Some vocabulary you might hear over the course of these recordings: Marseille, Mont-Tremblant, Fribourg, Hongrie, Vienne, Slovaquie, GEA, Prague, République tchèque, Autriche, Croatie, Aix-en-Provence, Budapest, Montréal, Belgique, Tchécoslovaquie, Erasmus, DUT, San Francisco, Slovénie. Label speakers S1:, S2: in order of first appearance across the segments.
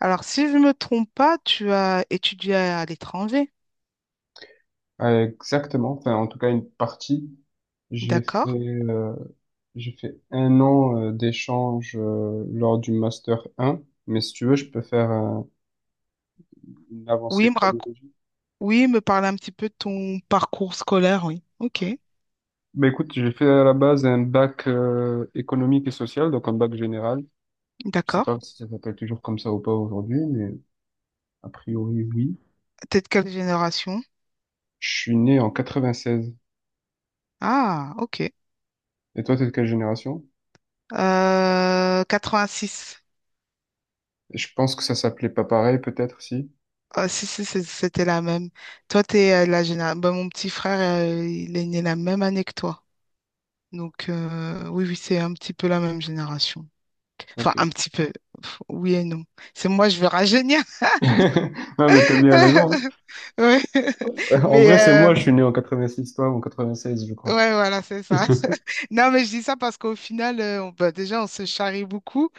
S1: Alors, si je me trompe pas, tu as étudié à l'étranger,
S2: Ouais, exactement. Enfin, en tout cas, une partie. J'ai fait,
S1: d'accord?
S2: euh, j'ai fait un an d'échange lors du Master 1. Mais si tu veux, je peux faire une avancée
S1: Oui,
S2: chronologique.
S1: oui, me parle un petit peu de ton parcours scolaire, oui. Ok,
S2: Bah écoute, j'ai fait à la base un bac économique et social, donc un bac général. Je sais
S1: d'accord.
S2: pas si ça s'appelle toujours comme ça ou pas aujourd'hui, mais a priori, oui.
S1: T'es de quelle génération?
S2: Je suis né en quatre-vingt seize.
S1: Ah, ok.
S2: Et toi, t'es de quelle génération?
S1: 86.
S2: Je pense que ça s'appelait pas pareil, peut-être, si?
S1: Ah, si, si, c'était la même. Toi, t'es la génération. Mon petit frère, il est né la même année que toi. Donc, oui, oui, c'est un petit peu la même génération. Enfin,
S2: Ok.
S1: un petit peu. Pff, oui et non. C'est moi, je veux rajeunir.
S2: Non, mais t'as bien raison, hein.
S1: Ouais.
S2: En
S1: Mais,
S2: vrai, c'est moi, je suis né en 86, toi, ou en 96, je crois.
S1: ouais, voilà, c'est ça. Non, mais je dis ça parce qu'au final, on, bah, déjà, on se charrie beaucoup.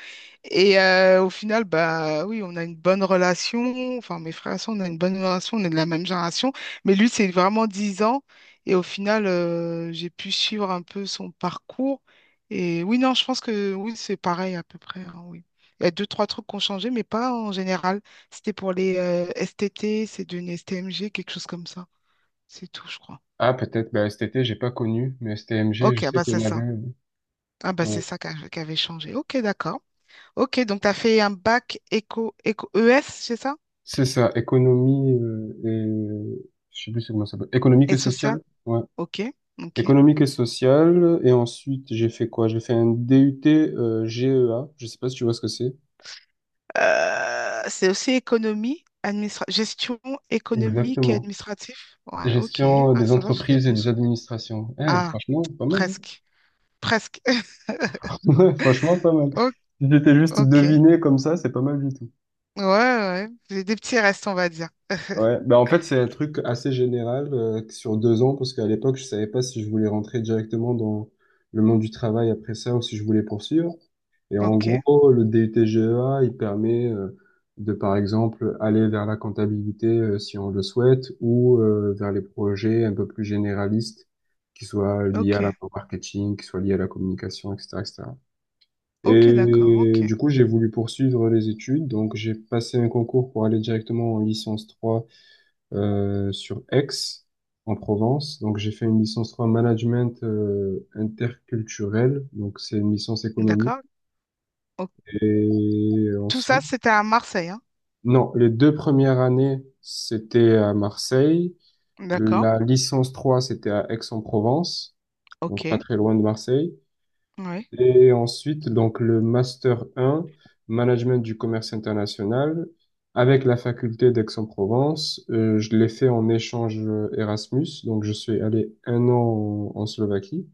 S1: Et au final, bah oui, on a une bonne relation. Enfin, mes frères et sœurs, on a une bonne relation. On est de la même génération. Mais lui, c'est vraiment 10 ans. Et au final, j'ai pu suivre un peu son parcours. Et oui, non, je pense que oui, c'est pareil à peu près, hein, oui. Il y a deux, trois trucs qui ont changé, mais pas en général. C'était pour les STT, c'est devenu STMG, quelque chose comme ça. C'est tout, je crois.
S2: Ah, peut-être, bah, cet été, j'ai pas connu, mais STMG, je
S1: Ok,
S2: sais
S1: bah
S2: qu'il y
S1: c'est
S2: en avait,
S1: ça. Ah bah c'est
S2: ouais.
S1: ça qu'avait changé. Ok, d'accord. Ok, donc tu as fait un bac éco, éco ES, c'est ça?
S2: C'est ça, économie et... je sais plus c'est comment ça s'appelle. Économique et
S1: Et social?
S2: sociale? Ouais.
S1: Ok, ok.
S2: Économique et sociale. Et ensuite, j'ai fait quoi? J'ai fait un DUT GEA. Je sais pas si tu vois ce que c'est.
S1: C'est aussi économie, administra gestion économique et
S2: Exactement.
S1: administrative. Ouais, ok.
S2: Gestion
S1: Ah,
S2: des
S1: ça va, j'ai des
S2: entreprises et
S1: bons
S2: des
S1: sons.
S2: administrations. Eh,
S1: Ah,
S2: franchement, pas mal, hein.
S1: presque. Presque.
S2: Ouais, franchement, pas mal.
S1: O-
S2: Si j'étais juste
S1: Ok. Ouais,
S2: deviné comme ça, c'est pas mal du tout.
S1: ouais. J'ai des petits restes, on va dire.
S2: Ouais, bah en fait c'est un truc assez général sur 2 ans parce qu'à l'époque je savais pas si je voulais rentrer directement dans le monde du travail après ça ou si je voulais poursuivre. Et en
S1: Ok,
S2: gros le DUT GEA il permet de par exemple aller vers la comptabilité si on le souhaite ou vers les projets un peu plus généralistes qui soient liés à
S1: ok.
S2: au marketing, qui soient liés à la communication, etc., etc. Et cetera.
S1: Ok, d'accord.
S2: Et
S1: Ok.
S2: du coup j'ai voulu poursuivre les études donc j'ai passé un concours pour aller directement en licence 3 sur Aix, en Provence. Donc, j'ai fait une licence 3 management interculturel. Donc, c'est une licence économique.
S1: D'accord. O-
S2: Et
S1: Tout ça,
S2: ensuite,
S1: c'était à Marseille, hein?
S2: non, les deux premières années, c'était à Marseille.
S1: D'accord.
S2: La licence 3, c'était à Aix-en-Provence, donc pas
S1: Ok.
S2: très loin de Marseille.
S1: Oui.
S2: Et ensuite, donc, le Master 1, Management du commerce international, avec la faculté d'Aix-en-Provence. Je l'ai fait en échange Erasmus, donc je suis allé un an en Slovaquie.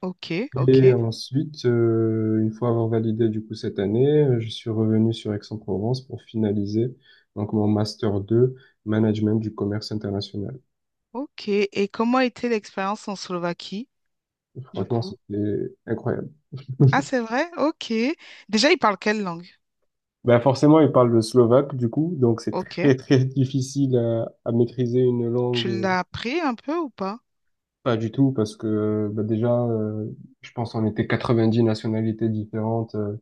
S1: Ok,
S2: Et
S1: ok.
S2: ensuite, une fois avoir validé du coup cette année, je suis revenu sur Aix-en-Provence pour finaliser donc mon Master 2, Management du commerce international.
S1: Ok, et comment était l'expérience en Slovaquie, du
S2: Franchement,
S1: coup?
S2: c'était incroyable.
S1: Ah, c'est vrai? Ok. Déjà, ils parlent quelle langue?
S2: Ben forcément, il parle le slovaque, du coup, donc c'est
S1: Ok.
S2: très très difficile à maîtriser une langue,
S1: Tu l'as appris un peu ou pas?
S2: pas du tout, parce que ben déjà, je pense qu'on était 90 nationalités différentes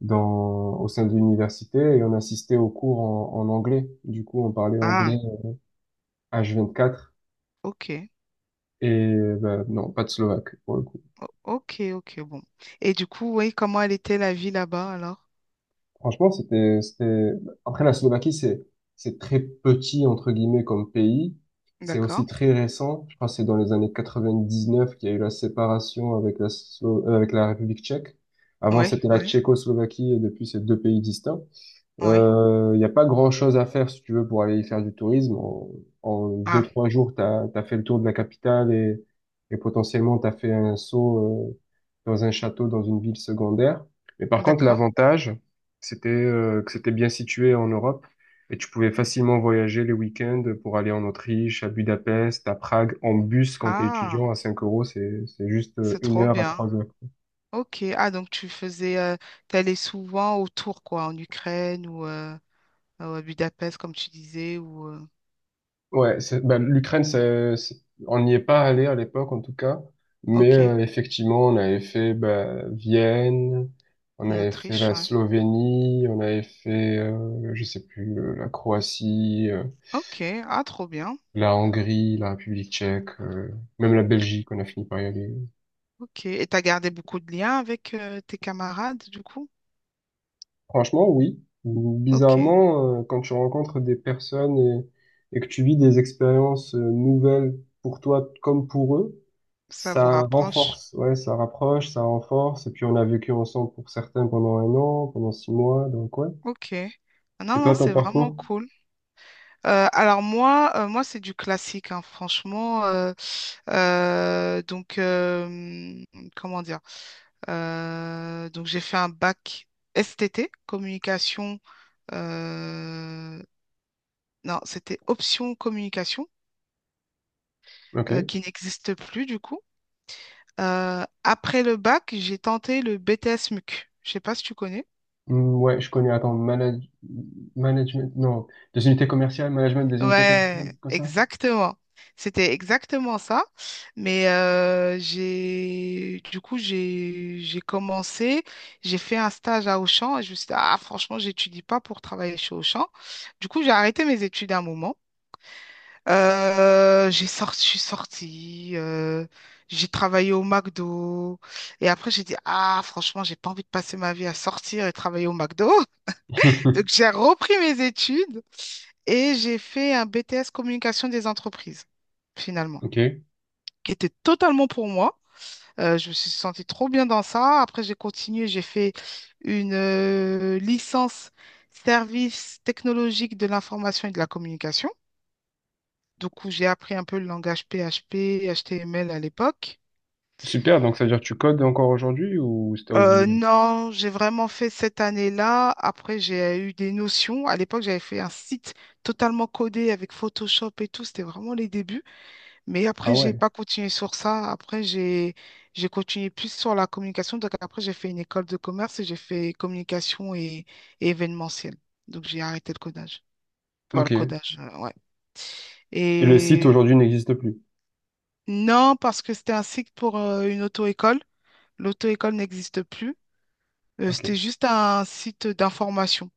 S2: au sein de l'université et on assistait aux cours en anglais. Du coup, on parlait anglais
S1: Ah,
S2: H24
S1: ok.
S2: et ben, non, pas de slovaque.
S1: Ok, ok, bon. Et du coup, oui, comment elle était la vie là-bas alors?
S2: Franchement, après la Slovaquie, c'est très petit, entre guillemets, comme pays. C'est aussi
S1: D'accord.
S2: très récent. Je crois que c'est dans les années 99 qu'il y a eu la séparation avec avec la République tchèque. Avant,
S1: Oui,
S2: c'était la
S1: oui,
S2: Tchécoslovaquie et depuis, c'est deux pays distincts.
S1: oui.
S2: Il n'y a pas grand-chose à faire si tu veux pour aller y faire du tourisme. En deux,
S1: Ah,
S2: trois jours, t'as fait le tour de la capitale et potentiellement t'as fait un saut dans un château, dans une ville secondaire. Mais par contre,
S1: d'accord.
S2: l'avantage, c'était que c'était bien situé en Europe et tu pouvais facilement voyager les week-ends pour aller en Autriche, à Budapest, à Prague, en bus quand t'es
S1: Ah,
S2: étudiant à 5 euros. C'est juste
S1: c'est
S2: une
S1: trop
S2: heure à
S1: bien.
S2: 3 heures.
S1: Ok. Ah, donc tu faisais, t'allais souvent autour, quoi, en Ukraine ou à Budapest, comme tu disais, ou...
S2: Ouais, ben, l'Ukraine, on n'y est pas allé à l'époque en tout cas, mais
S1: Ok,
S2: effectivement, on avait fait ben, Vienne, on
S1: en
S2: avait fait
S1: Autriche,
S2: la
S1: ouais.
S2: Slovénie, on avait fait, je sais plus, la Croatie,
S1: Ok, ah, trop bien.
S2: la Hongrie, la République tchèque, même la Belgique, on a fini par y aller.
S1: Ok, et t'as gardé beaucoup de liens avec tes camarades, du coup?
S2: Franchement, oui.
S1: Ok,
S2: Bizarrement, quand tu rencontres des personnes et que tu vis des expériences nouvelles pour toi comme pour eux,
S1: ça vous
S2: ça
S1: rapproche.
S2: renforce, ouais, ça rapproche, ça renforce. Et puis on a vécu ensemble pour certains pendant un an, pendant 6 mois, donc ouais.
S1: Ok. Ah,
S2: Et
S1: non,
S2: toi,
S1: non,
S2: ton
S1: c'est vraiment
S2: parcours?
S1: cool. Alors moi, moi c'est du classique, hein, franchement. Donc, comment dire? Donc, j'ai fait un bac STT, communication. euh, non, c'était option communication,
S2: Ok.
S1: qui n'existe plus du coup. Après le bac, j'ai tenté le BTS MUC. Je sais pas si tu connais.
S2: Hmm, ouais, je connais, attends, management, non, des unités commerciales, management des unités commerciales,
S1: Ouais,
S2: comme ça?
S1: exactement. C'était exactement ça. Mais j'ai du coup j'ai commencé, j'ai fait un stage à Auchan et je me suis dit, ah, franchement, j'étudie pas pour travailler chez Auchan. Du coup, j'ai arrêté mes études à un moment. J'ai sorti, je suis sortie, j'ai travaillé au McDo et après j'ai dit, ah, franchement, j'ai pas envie de passer ma vie à sortir et travailler au McDo. Donc, j'ai repris mes études et j'ai fait un BTS communication des entreprises, finalement,
S2: Ok.
S1: qui était totalement pour moi. Je me suis sentie trop bien dans ça. Après, j'ai continué, j'ai fait une licence service technologique de l'information et de la communication. Donc, où j'ai appris un peu le langage PHP, HTML à l'époque.
S2: Super, donc ça veut dire que tu codes encore aujourd'hui ou si t'as oublié?
S1: Non, j'ai vraiment fait cette année-là. Après, j'ai eu des notions. À l'époque, j'avais fait un site totalement codé avec Photoshop et tout. C'était vraiment les débuts. Mais
S2: Ah
S1: après, j'ai
S2: ouais.
S1: pas continué sur ça. Après, j'ai continué plus sur la communication. Donc après, j'ai fait une école de commerce et j'ai fait communication et événementiel. Donc j'ai arrêté le codage. Enfin, le
S2: Ok. Et
S1: codage, ouais.
S2: le site
S1: Et
S2: aujourd'hui n'existe plus.
S1: non, parce que c'était un site pour une auto-école. L'auto-école n'existe plus.
S2: Ok.
S1: C'était juste un site d'information.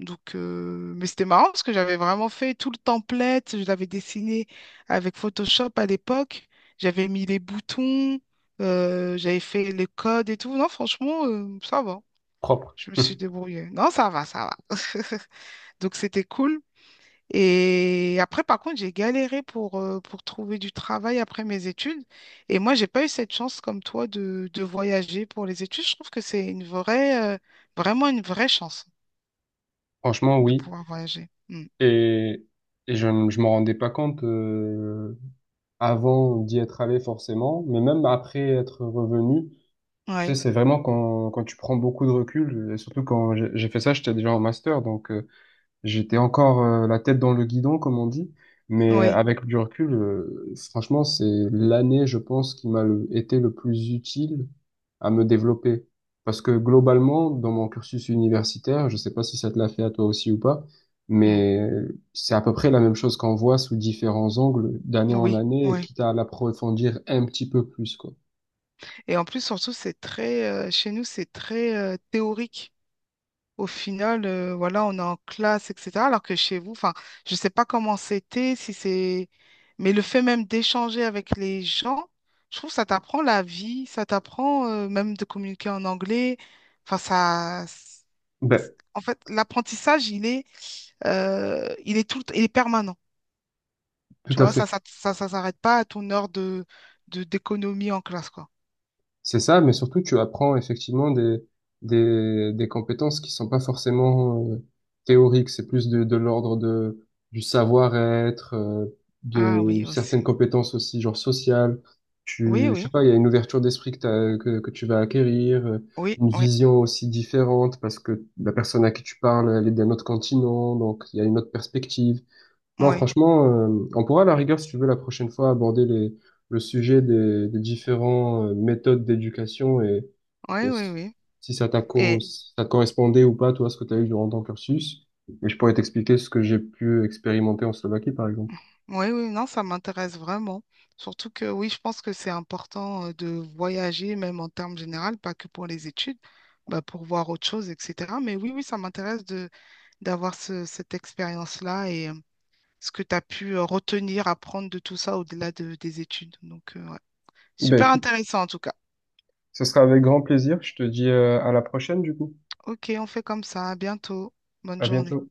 S1: Donc, mais c'était marrant parce que j'avais vraiment fait tout le template, je l'avais dessiné avec Photoshop à l'époque, j'avais mis les boutons, j'avais fait les codes et tout. Non, franchement, ça va,
S2: Propre.
S1: je me suis débrouillée. Non, ça va, ça va. Donc, c'était cool. Et après, par contre, j'ai galéré pour trouver du travail après mes études. Et moi, j'ai pas eu cette chance comme toi de voyager pour les études. Je trouve que c'est une vraie, vraiment une vraie chance
S2: Franchement,
S1: de
S2: oui.
S1: pouvoir voyager. Mm.
S2: Et, et je m'en rendais pas compte, avant d'y être allé forcément, mais même après être revenu, tu sais,
S1: Ouais.
S2: c'est vraiment quand, tu prends beaucoup de recul, et surtout quand j'ai fait ça, j'étais déjà en master, donc j'étais encore la tête dans le guidon, comme on dit, mais
S1: Oui,
S2: avec du recul, franchement, c'est l'année, je pense, qui m'a été le plus utile à me développer. Parce que globalement, dans mon cursus universitaire, je sais pas si ça te l'a fait à toi aussi ou pas,
S1: mm,
S2: mais c'est à peu près la même chose qu'on voit sous différents angles d'année en
S1: oui,
S2: année,
S1: oui.
S2: quitte à l'approfondir un petit peu plus, quoi.
S1: Et en plus, surtout, c'est très, chez nous, c'est très théorique. Au final, voilà, on est en classe, etc. Alors que chez vous, enfin, je sais pas comment c'était, si c'est, mais le fait même d'échanger avec les gens, je trouve que ça t'apprend la vie, ça t'apprend même de communiquer en anglais. Enfin, ça,
S2: Ben,
S1: en fait, l'apprentissage, il est tout, il est permanent.
S2: tout
S1: Tu
S2: à
S1: vois,
S2: fait.
S1: ça s'arrête pas à ton heure de, d'économie en classe, quoi.
S2: C'est ça, mais surtout tu apprends effectivement des compétences qui sont pas forcément théoriques, c'est plus de l'ordre de du savoir-être,
S1: Ah
S2: de
S1: oui,
S2: certaines
S1: aussi.
S2: compétences aussi genre sociales.
S1: Oui,
S2: Je sais
S1: oui,
S2: pas, il y a une ouverture d'esprit que, t'as- que tu vas acquérir,
S1: oui,
S2: une
S1: oui,
S2: vision aussi différente parce que la personne à qui tu parles, elle est d'un autre continent, donc il y a une autre perspective. Non,
S1: oui,
S2: franchement, on pourra à la rigueur, si tu veux, la prochaine fois aborder le sujet des différentes méthodes d'éducation et
S1: oui, oui, oui. Et
S2: si ça te correspondait ou pas, toi, ce que tu as eu durant ton cursus. Et je pourrais t'expliquer ce que j'ai pu expérimenter en Slovaquie, par exemple.
S1: oui, oui, non, ça m'intéresse vraiment. Surtout que oui, je pense que c'est important de voyager, même en termes généraux, pas que pour les études, bah, pour voir autre chose, etc. Mais oui, oui, ça m'intéresse de cette expérience-là et ce que tu as pu retenir, apprendre de tout ça au-delà des études. Donc, ouais.
S2: Ben
S1: Super
S2: écoute,
S1: intéressant en tout cas.
S2: ce sera avec grand plaisir. Je te dis à la prochaine, du coup.
S1: Ok, on fait comme ça. À bientôt. Bonne
S2: À
S1: journée.
S2: bientôt.